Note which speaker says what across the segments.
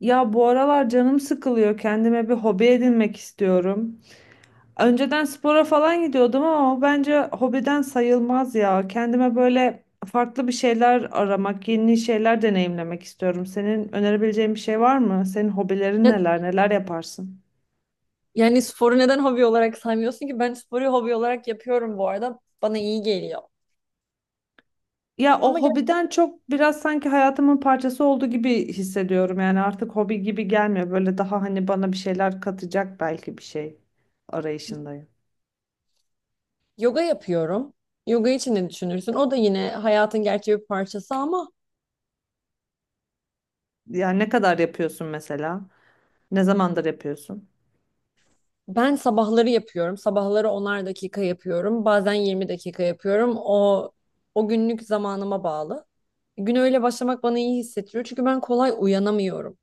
Speaker 1: Ya bu aralar canım sıkılıyor. Kendime bir hobi edinmek istiyorum. Önceden spora falan gidiyordum ama o bence hobiden sayılmaz ya. Kendime böyle farklı bir şeyler aramak, yeni şeyler deneyimlemek istiyorum. Senin önerebileceğin bir şey var mı? Senin hobilerin
Speaker 2: Ya-
Speaker 1: neler, neler yaparsın?
Speaker 2: Yani sporu neden hobi olarak saymıyorsun ki? Ben sporu hobi olarak yapıyorum bu arada. Bana iyi geliyor.
Speaker 1: Ya o
Speaker 2: Ama gel
Speaker 1: hobiden çok biraz sanki hayatımın parçası olduğu gibi hissediyorum. Yani artık hobi gibi gelmiyor. Böyle daha hani bana bir şeyler katacak belki bir şey arayışındayım.
Speaker 2: yoga yapıyorum. Yoga için ne düşünürsün? O da yine hayatın gerçek bir parçası, ama
Speaker 1: Yani ne kadar yapıyorsun mesela? Ne zamandır yapıyorsun?
Speaker 2: ben sabahları yapıyorum. Sabahları 10'ar dakika yapıyorum. Bazen 20 dakika yapıyorum. O günlük zamanıma bağlı. Güne öyle başlamak bana iyi hissettiriyor. Çünkü ben kolay uyanamıyorum.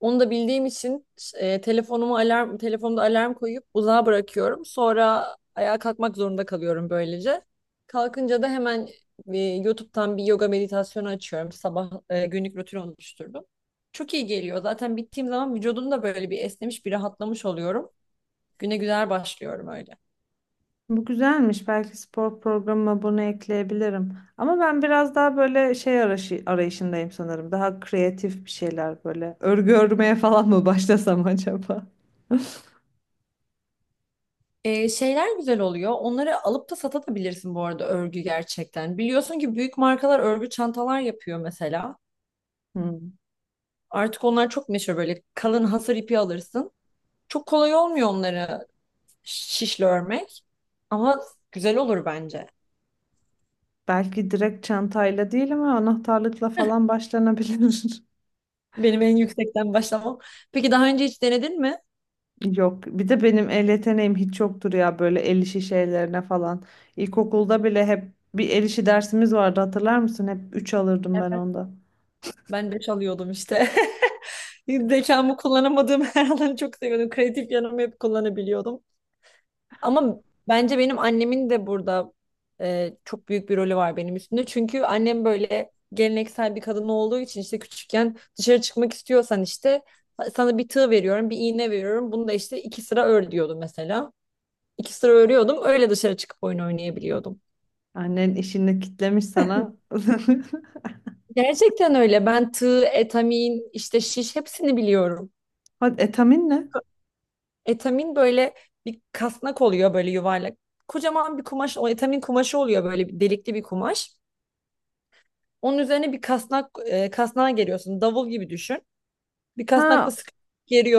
Speaker 2: Onu da bildiğim için telefonumu alarm telefonda alarm koyup uzağa bırakıyorum. Sonra ayağa kalkmak zorunda kalıyorum böylece. Kalkınca da hemen YouTube'dan bir yoga meditasyonu açıyorum. Sabah günlük rutin oluşturdum. Çok iyi geliyor. Zaten bittiğim zaman vücudum da böyle bir esnemiş, bir rahatlamış oluyorum. Güne güzel başlıyorum öyle.
Speaker 1: Bu güzelmiş. Belki spor programıma bunu ekleyebilirim. Ama ben biraz daha böyle şey arayışı, arayışındayım sanırım. Daha kreatif bir şeyler böyle. Örgü örmeye falan mı başlasam acaba?
Speaker 2: Şeyler güzel oluyor. Onları alıp da satabilirsin bu arada örgü gerçekten. Biliyorsun ki büyük markalar örgü çantalar yapıyor mesela.
Speaker 1: Hmm.
Speaker 2: Artık onlar çok meşhur, böyle kalın hasır ipi alırsın. Çok kolay olmuyor onları şişle örmek. Ama güzel olur bence.
Speaker 1: Belki direkt çantayla değil ama anahtarlıkla falan başlanabilir.
Speaker 2: Benim en yüksekten başlamam. Peki daha önce hiç denedin mi?
Speaker 1: Yok. Bir de benim el yeteneğim hiç yoktur ya böyle el işi şeylerine falan. İlkokulda bile hep bir el işi dersimiz vardı hatırlar mısın? Hep 3 alırdım ben
Speaker 2: Evet.
Speaker 1: onda.
Speaker 2: Ben 5 alıyordum işte. Zekamı kullanamadığım her alanı çok seviyordum. Kreatif yanımı hep kullanabiliyordum. Ama bence benim annemin de burada çok büyük bir rolü var benim üstümde. Çünkü annem böyle geleneksel bir kadın olduğu için, işte küçükken dışarı çıkmak istiyorsan işte sana bir tığ veriyorum, bir iğne veriyorum. Bunu da işte iki sıra ör diyordu mesela. İki sıra örüyordum. Öyle dışarı çıkıp oyun oynayabiliyordum.
Speaker 1: Annen işini kitlemiş sana.
Speaker 2: Gerçekten öyle. Ben tığ, etamin, işte şiş, hepsini biliyorum.
Speaker 1: Hadi etamin ne?
Speaker 2: Etamin böyle bir kasnak oluyor, böyle yuvarlak. Kocaman bir kumaş, o etamin kumaşı oluyor, böyle bir delikli bir kumaş. Onun üzerine bir kasnak, kasnağa geriyorsun. Davul gibi düşün. Bir kasnakla
Speaker 1: Ha,
Speaker 2: sıkı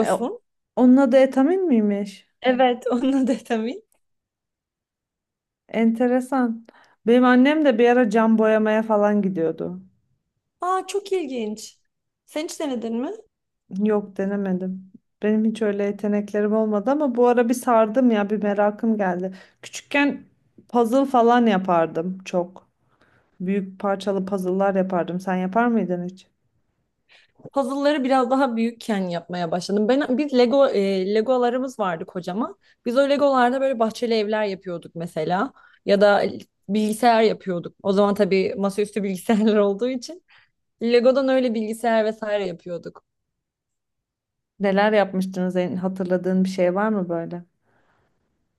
Speaker 1: e, onun adı etamin miymiş?
Speaker 2: Evet, onun adı etamin.
Speaker 1: Enteresan. Benim annem de bir ara cam boyamaya falan gidiyordu.
Speaker 2: Aa, çok ilginç. Sen hiç denedin mi?
Speaker 1: Yok denemedim. Benim hiç öyle yeteneklerim olmadı ama bu ara bir sardım ya bir merakım geldi. Küçükken puzzle falan yapardım çok. Büyük parçalı puzzle'lar yapardım. Sen yapar mıydın hiç?
Speaker 2: Puzzle'ları biraz daha büyükken yapmaya başladım. Biz Lego, Legolarımız vardı kocaman. Biz o Legolarda böyle bahçeli evler yapıyorduk mesela, ya da bilgisayar yapıyorduk. O zaman tabii masaüstü bilgisayarlar olduğu için Lego'dan öyle bilgisayar vesaire yapıyorduk.
Speaker 1: Neler yapmıştınız? Hatırladığın bir şey var mı böyle?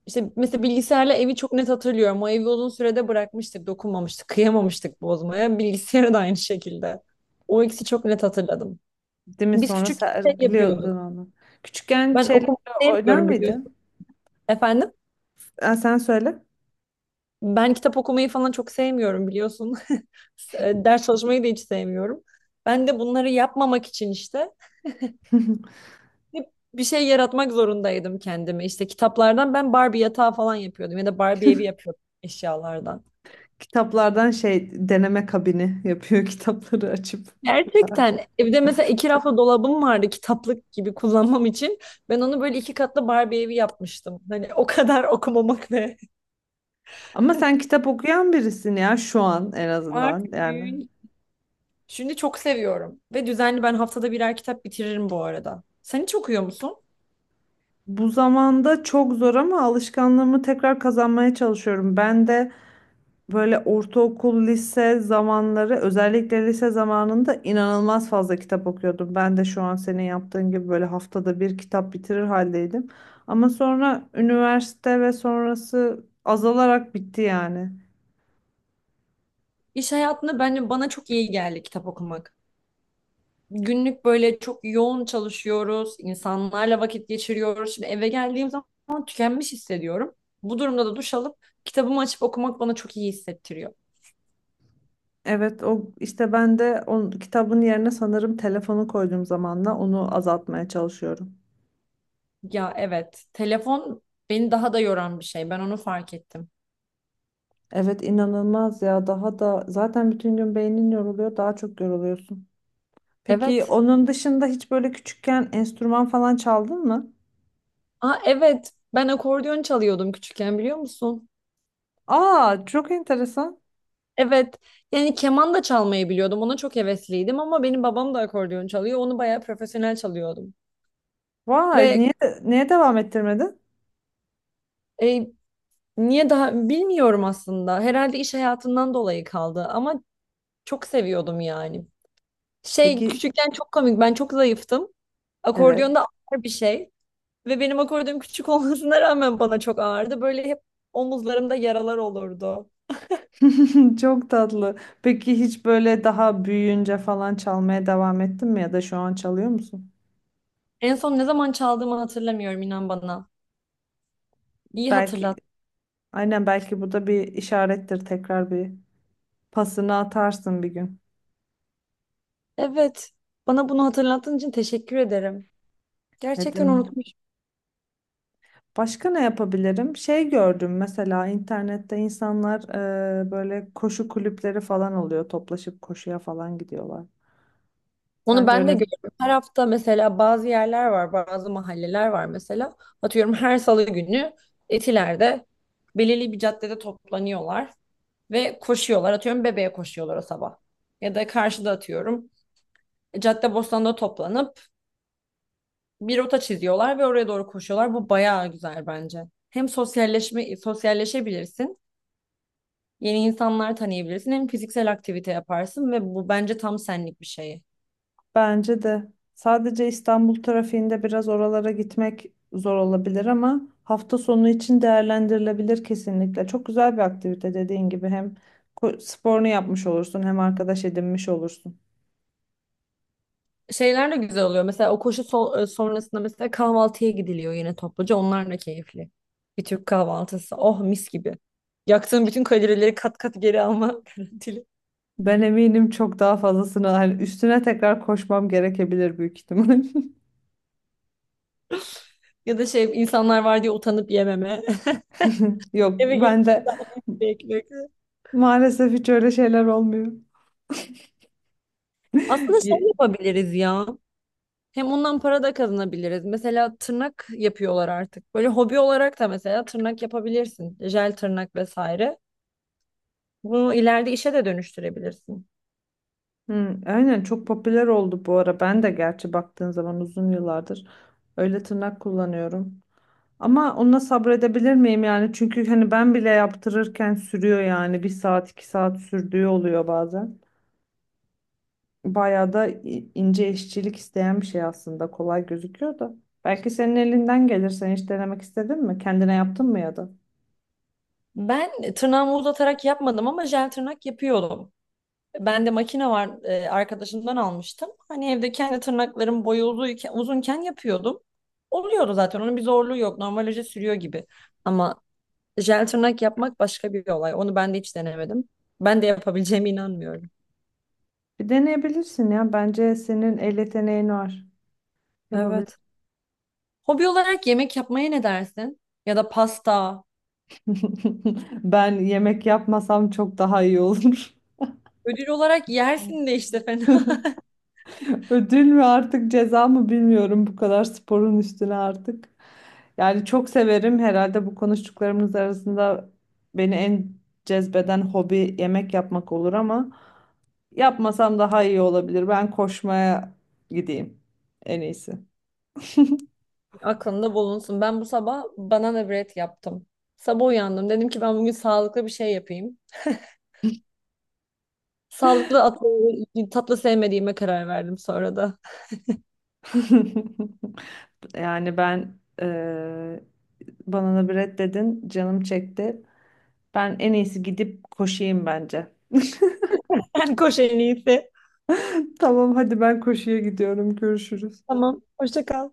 Speaker 2: İşte mesela bilgisayarla evi çok net hatırlıyorum. O evi uzun sürede bırakmıştık, dokunmamıştık, kıyamamıştık bozmaya. Bilgisayarı da aynı şekilde. O ikisi çok net hatırladım.
Speaker 1: Değil mi?
Speaker 2: Biz
Speaker 1: Sonra
Speaker 2: küçük şey
Speaker 1: sergiliyordun
Speaker 2: yapıyorduk.
Speaker 1: onu. Küçükken
Speaker 2: Ben
Speaker 1: şeylerle
Speaker 2: okumak
Speaker 1: oynar
Speaker 2: sevmiyorum biliyorsun.
Speaker 1: mıydın?
Speaker 2: Efendim?
Speaker 1: Ha, sen söyle.
Speaker 2: Ben kitap okumayı falan çok sevmiyorum biliyorsun. Ders çalışmayı da hiç sevmiyorum. Ben de bunları yapmamak için işte hep bir şey yaratmak zorundaydım kendime. İşte kitaplardan ben Barbie yatağı falan yapıyordum, ya da Barbie evi yapıyordum eşyalardan.
Speaker 1: Kitaplardan şey deneme kabini yapıyor kitapları açıp.
Speaker 2: Gerçekten evde mesela iki raflı dolabım vardı kitaplık gibi kullanmam için. Ben onu böyle iki katlı Barbie evi yapmıştım. Hani o kadar okumamak ve
Speaker 1: Ama sen kitap okuyan birisin ya şu an en azından
Speaker 2: artık
Speaker 1: yani.
Speaker 2: büyüyünce. Şimdi çok seviyorum ve düzenli, ben haftada birer kitap bitiririm bu arada. Sen hiç okuyor musun?
Speaker 1: Bu zamanda çok zor ama alışkanlığımı tekrar kazanmaya çalışıyorum. Ben de böyle ortaokul, lise zamanları özellikle lise zamanında inanılmaz fazla kitap okuyordum. Ben de şu an senin yaptığın gibi böyle haftada bir kitap bitirir haldeydim. Ama sonra üniversite ve sonrası azalarak bitti yani.
Speaker 2: İş hayatında bence bana çok iyi geldi kitap okumak. Günlük böyle çok yoğun çalışıyoruz, insanlarla vakit geçiriyoruz. Şimdi eve geldiğim zaman tükenmiş hissediyorum. Bu durumda da duş alıp kitabımı açıp okumak bana çok iyi hissettiriyor.
Speaker 1: Evet, o işte ben de o kitabın yerine sanırım telefonu koyduğum zamanla onu azaltmaya çalışıyorum.
Speaker 2: Ya evet, telefon beni daha da yoran bir şey. Ben onu fark ettim.
Speaker 1: Evet, inanılmaz ya, daha da zaten bütün gün beynin yoruluyor, daha çok yoruluyorsun. Peki
Speaker 2: Evet.
Speaker 1: onun dışında hiç böyle küçükken enstrüman falan çaldın mı?
Speaker 2: Aa evet, ben akordeon çalıyordum küçükken, biliyor musun?
Speaker 1: Aa, çok enteresan.
Speaker 2: Evet. Yani keman da çalmayı biliyordum. Ona çok hevesliydim ama benim babam da akordeon çalıyor. Onu bayağı profesyonel çalıyordum.
Speaker 1: Vay,
Speaker 2: Ve
Speaker 1: niye devam ettirmedin?
Speaker 2: e, Niye daha bilmiyorum aslında. Herhalde iş hayatından dolayı kaldı ama çok seviyordum yani. Şey
Speaker 1: Peki,
Speaker 2: küçükken çok komik. Ben çok zayıftım.
Speaker 1: evet.
Speaker 2: Akordiyonda ağır bir şey ve benim akordiyonum küçük olmasına rağmen bana çok ağırdı. Böyle hep omuzlarımda yaralar olurdu.
Speaker 1: Çok tatlı. Peki hiç böyle daha büyüyünce falan çalmaya devam ettin mi ya da şu an çalıyor musun?
Speaker 2: En son ne zaman çaldığımı hatırlamıyorum, inan bana. İyi
Speaker 1: Belki,
Speaker 2: hatırlat.
Speaker 1: aynen, belki bu da bir işarettir. Tekrar bir pasını atarsın bir gün.
Speaker 2: Evet. Bana bunu hatırlattığın için teşekkür ederim.
Speaker 1: Ne
Speaker 2: Gerçekten
Speaker 1: mi?
Speaker 2: unutmuşum.
Speaker 1: Başka ne yapabilirim? Şey gördüm mesela internette insanlar böyle koşu kulüpleri falan oluyor. Toplaşıp koşuya falan gidiyorlar.
Speaker 2: Onu
Speaker 1: Sence
Speaker 2: ben de
Speaker 1: öyle?
Speaker 2: görüyorum. Her hafta mesela bazı yerler var, bazı mahalleler var mesela. Atıyorum her salı günü Etiler'de belirli bir caddede toplanıyorlar ve koşuyorlar. Atıyorum Bebe'ye koşuyorlar o sabah. Ya da karşıda atıyorum Caddebostan'da toplanıp bir rota çiziyorlar ve oraya doğru koşuyorlar. Bu bayağı güzel bence. Hem sosyalleşebilirsin. Yeni insanlar tanıyabilirsin. Hem fiziksel aktivite yaparsın ve bu bence tam senlik bir şey.
Speaker 1: Bence de. Sadece İstanbul trafiğinde biraz oralara gitmek zor olabilir ama hafta sonu için değerlendirilebilir kesinlikle. Çok güzel bir aktivite dediğin gibi hem sporunu yapmış olursun hem arkadaş edinmiş olursun.
Speaker 2: Şeyler de güzel oluyor. Mesela o sonrasında mesela kahvaltıya gidiliyor yine topluca. Onlar da keyifli. Bir Türk kahvaltısı. Oh, mis gibi. Yaktığın bütün kalorileri kat kat geri alma garantili.
Speaker 1: Ben eminim çok daha fazlasını hani üstüne tekrar koşmam gerekebilir büyük ihtimal.
Speaker 2: Ya da şey, insanlar var diye utanıp yememe.
Speaker 1: Yok,
Speaker 2: Eve gelip
Speaker 1: ben de
Speaker 2: ekmek.
Speaker 1: maalesef hiç öyle şeyler olmuyor.
Speaker 2: Aslında
Speaker 1: Ye-
Speaker 2: şey yapabiliriz ya. Hem ondan para da kazanabiliriz. Mesela tırnak yapıyorlar artık. Böyle hobi olarak da mesela tırnak yapabilirsin. Jel tırnak vesaire. Bunu ileride işe de dönüştürebilirsin.
Speaker 1: Hı, aynen, çok popüler oldu bu ara. Ben de gerçi baktığın zaman uzun yıllardır öyle tırnak kullanıyorum. Ama ona sabredebilir miyim yani? Çünkü hani ben bile yaptırırken sürüyor yani. Bir saat, iki saat sürdüğü oluyor bazen. Bayağı da ince işçilik isteyen bir şey aslında. Kolay gözüküyor da. Belki senin elinden gelir. Sen hiç denemek istedin mi? Kendine yaptın mı ya da?
Speaker 2: Ben tırnağımı uzatarak yapmadım ama jel tırnak yapıyordum. Bende makine var, arkadaşımdan almıştım. Hani evde kendi tırnaklarım uzunken yapıyordum. Oluyordu zaten. Onun bir zorluğu yok. Normalaja sürüyor gibi. Ama jel tırnak yapmak başka bir olay. Onu ben de hiç denemedim. Ben de yapabileceğime inanmıyorum.
Speaker 1: Bir deneyebilirsin ya. Bence senin el yeteneğin var.
Speaker 2: Evet.
Speaker 1: Yapabilirsin.
Speaker 2: Hobi olarak yemek yapmaya ne dersin? Ya da pasta.
Speaker 1: Ben yemek yapmasam çok daha iyi olur.
Speaker 2: Ödül olarak yersin de işte, fena.
Speaker 1: Ödül mü artık ceza mı bilmiyorum bu kadar sporun üstüne artık. Yani çok severim herhalde. Bu konuştuklarımız arasında beni en cezbeden hobi yemek yapmak olur ama yapmasam daha iyi olabilir. Ben koşmaya gideyim en iyisi.
Speaker 2: Aklında bulunsun. Ben bu sabah banana bread yaptım. Sabah uyandım. Dedim ki ben bugün sağlıklı bir şey yapayım. Sağlıklı atlı, tatlı sevmediğime karar verdim sonra da.
Speaker 1: Yani ben banana bread dedin, canım çekti. Ben en iyisi gidip koşayım bence.
Speaker 2: Ben koş en iyisi.
Speaker 1: Tamam, hadi ben koşuya gidiyorum. Görüşürüz.
Speaker 2: Tamam. Hoşça kal.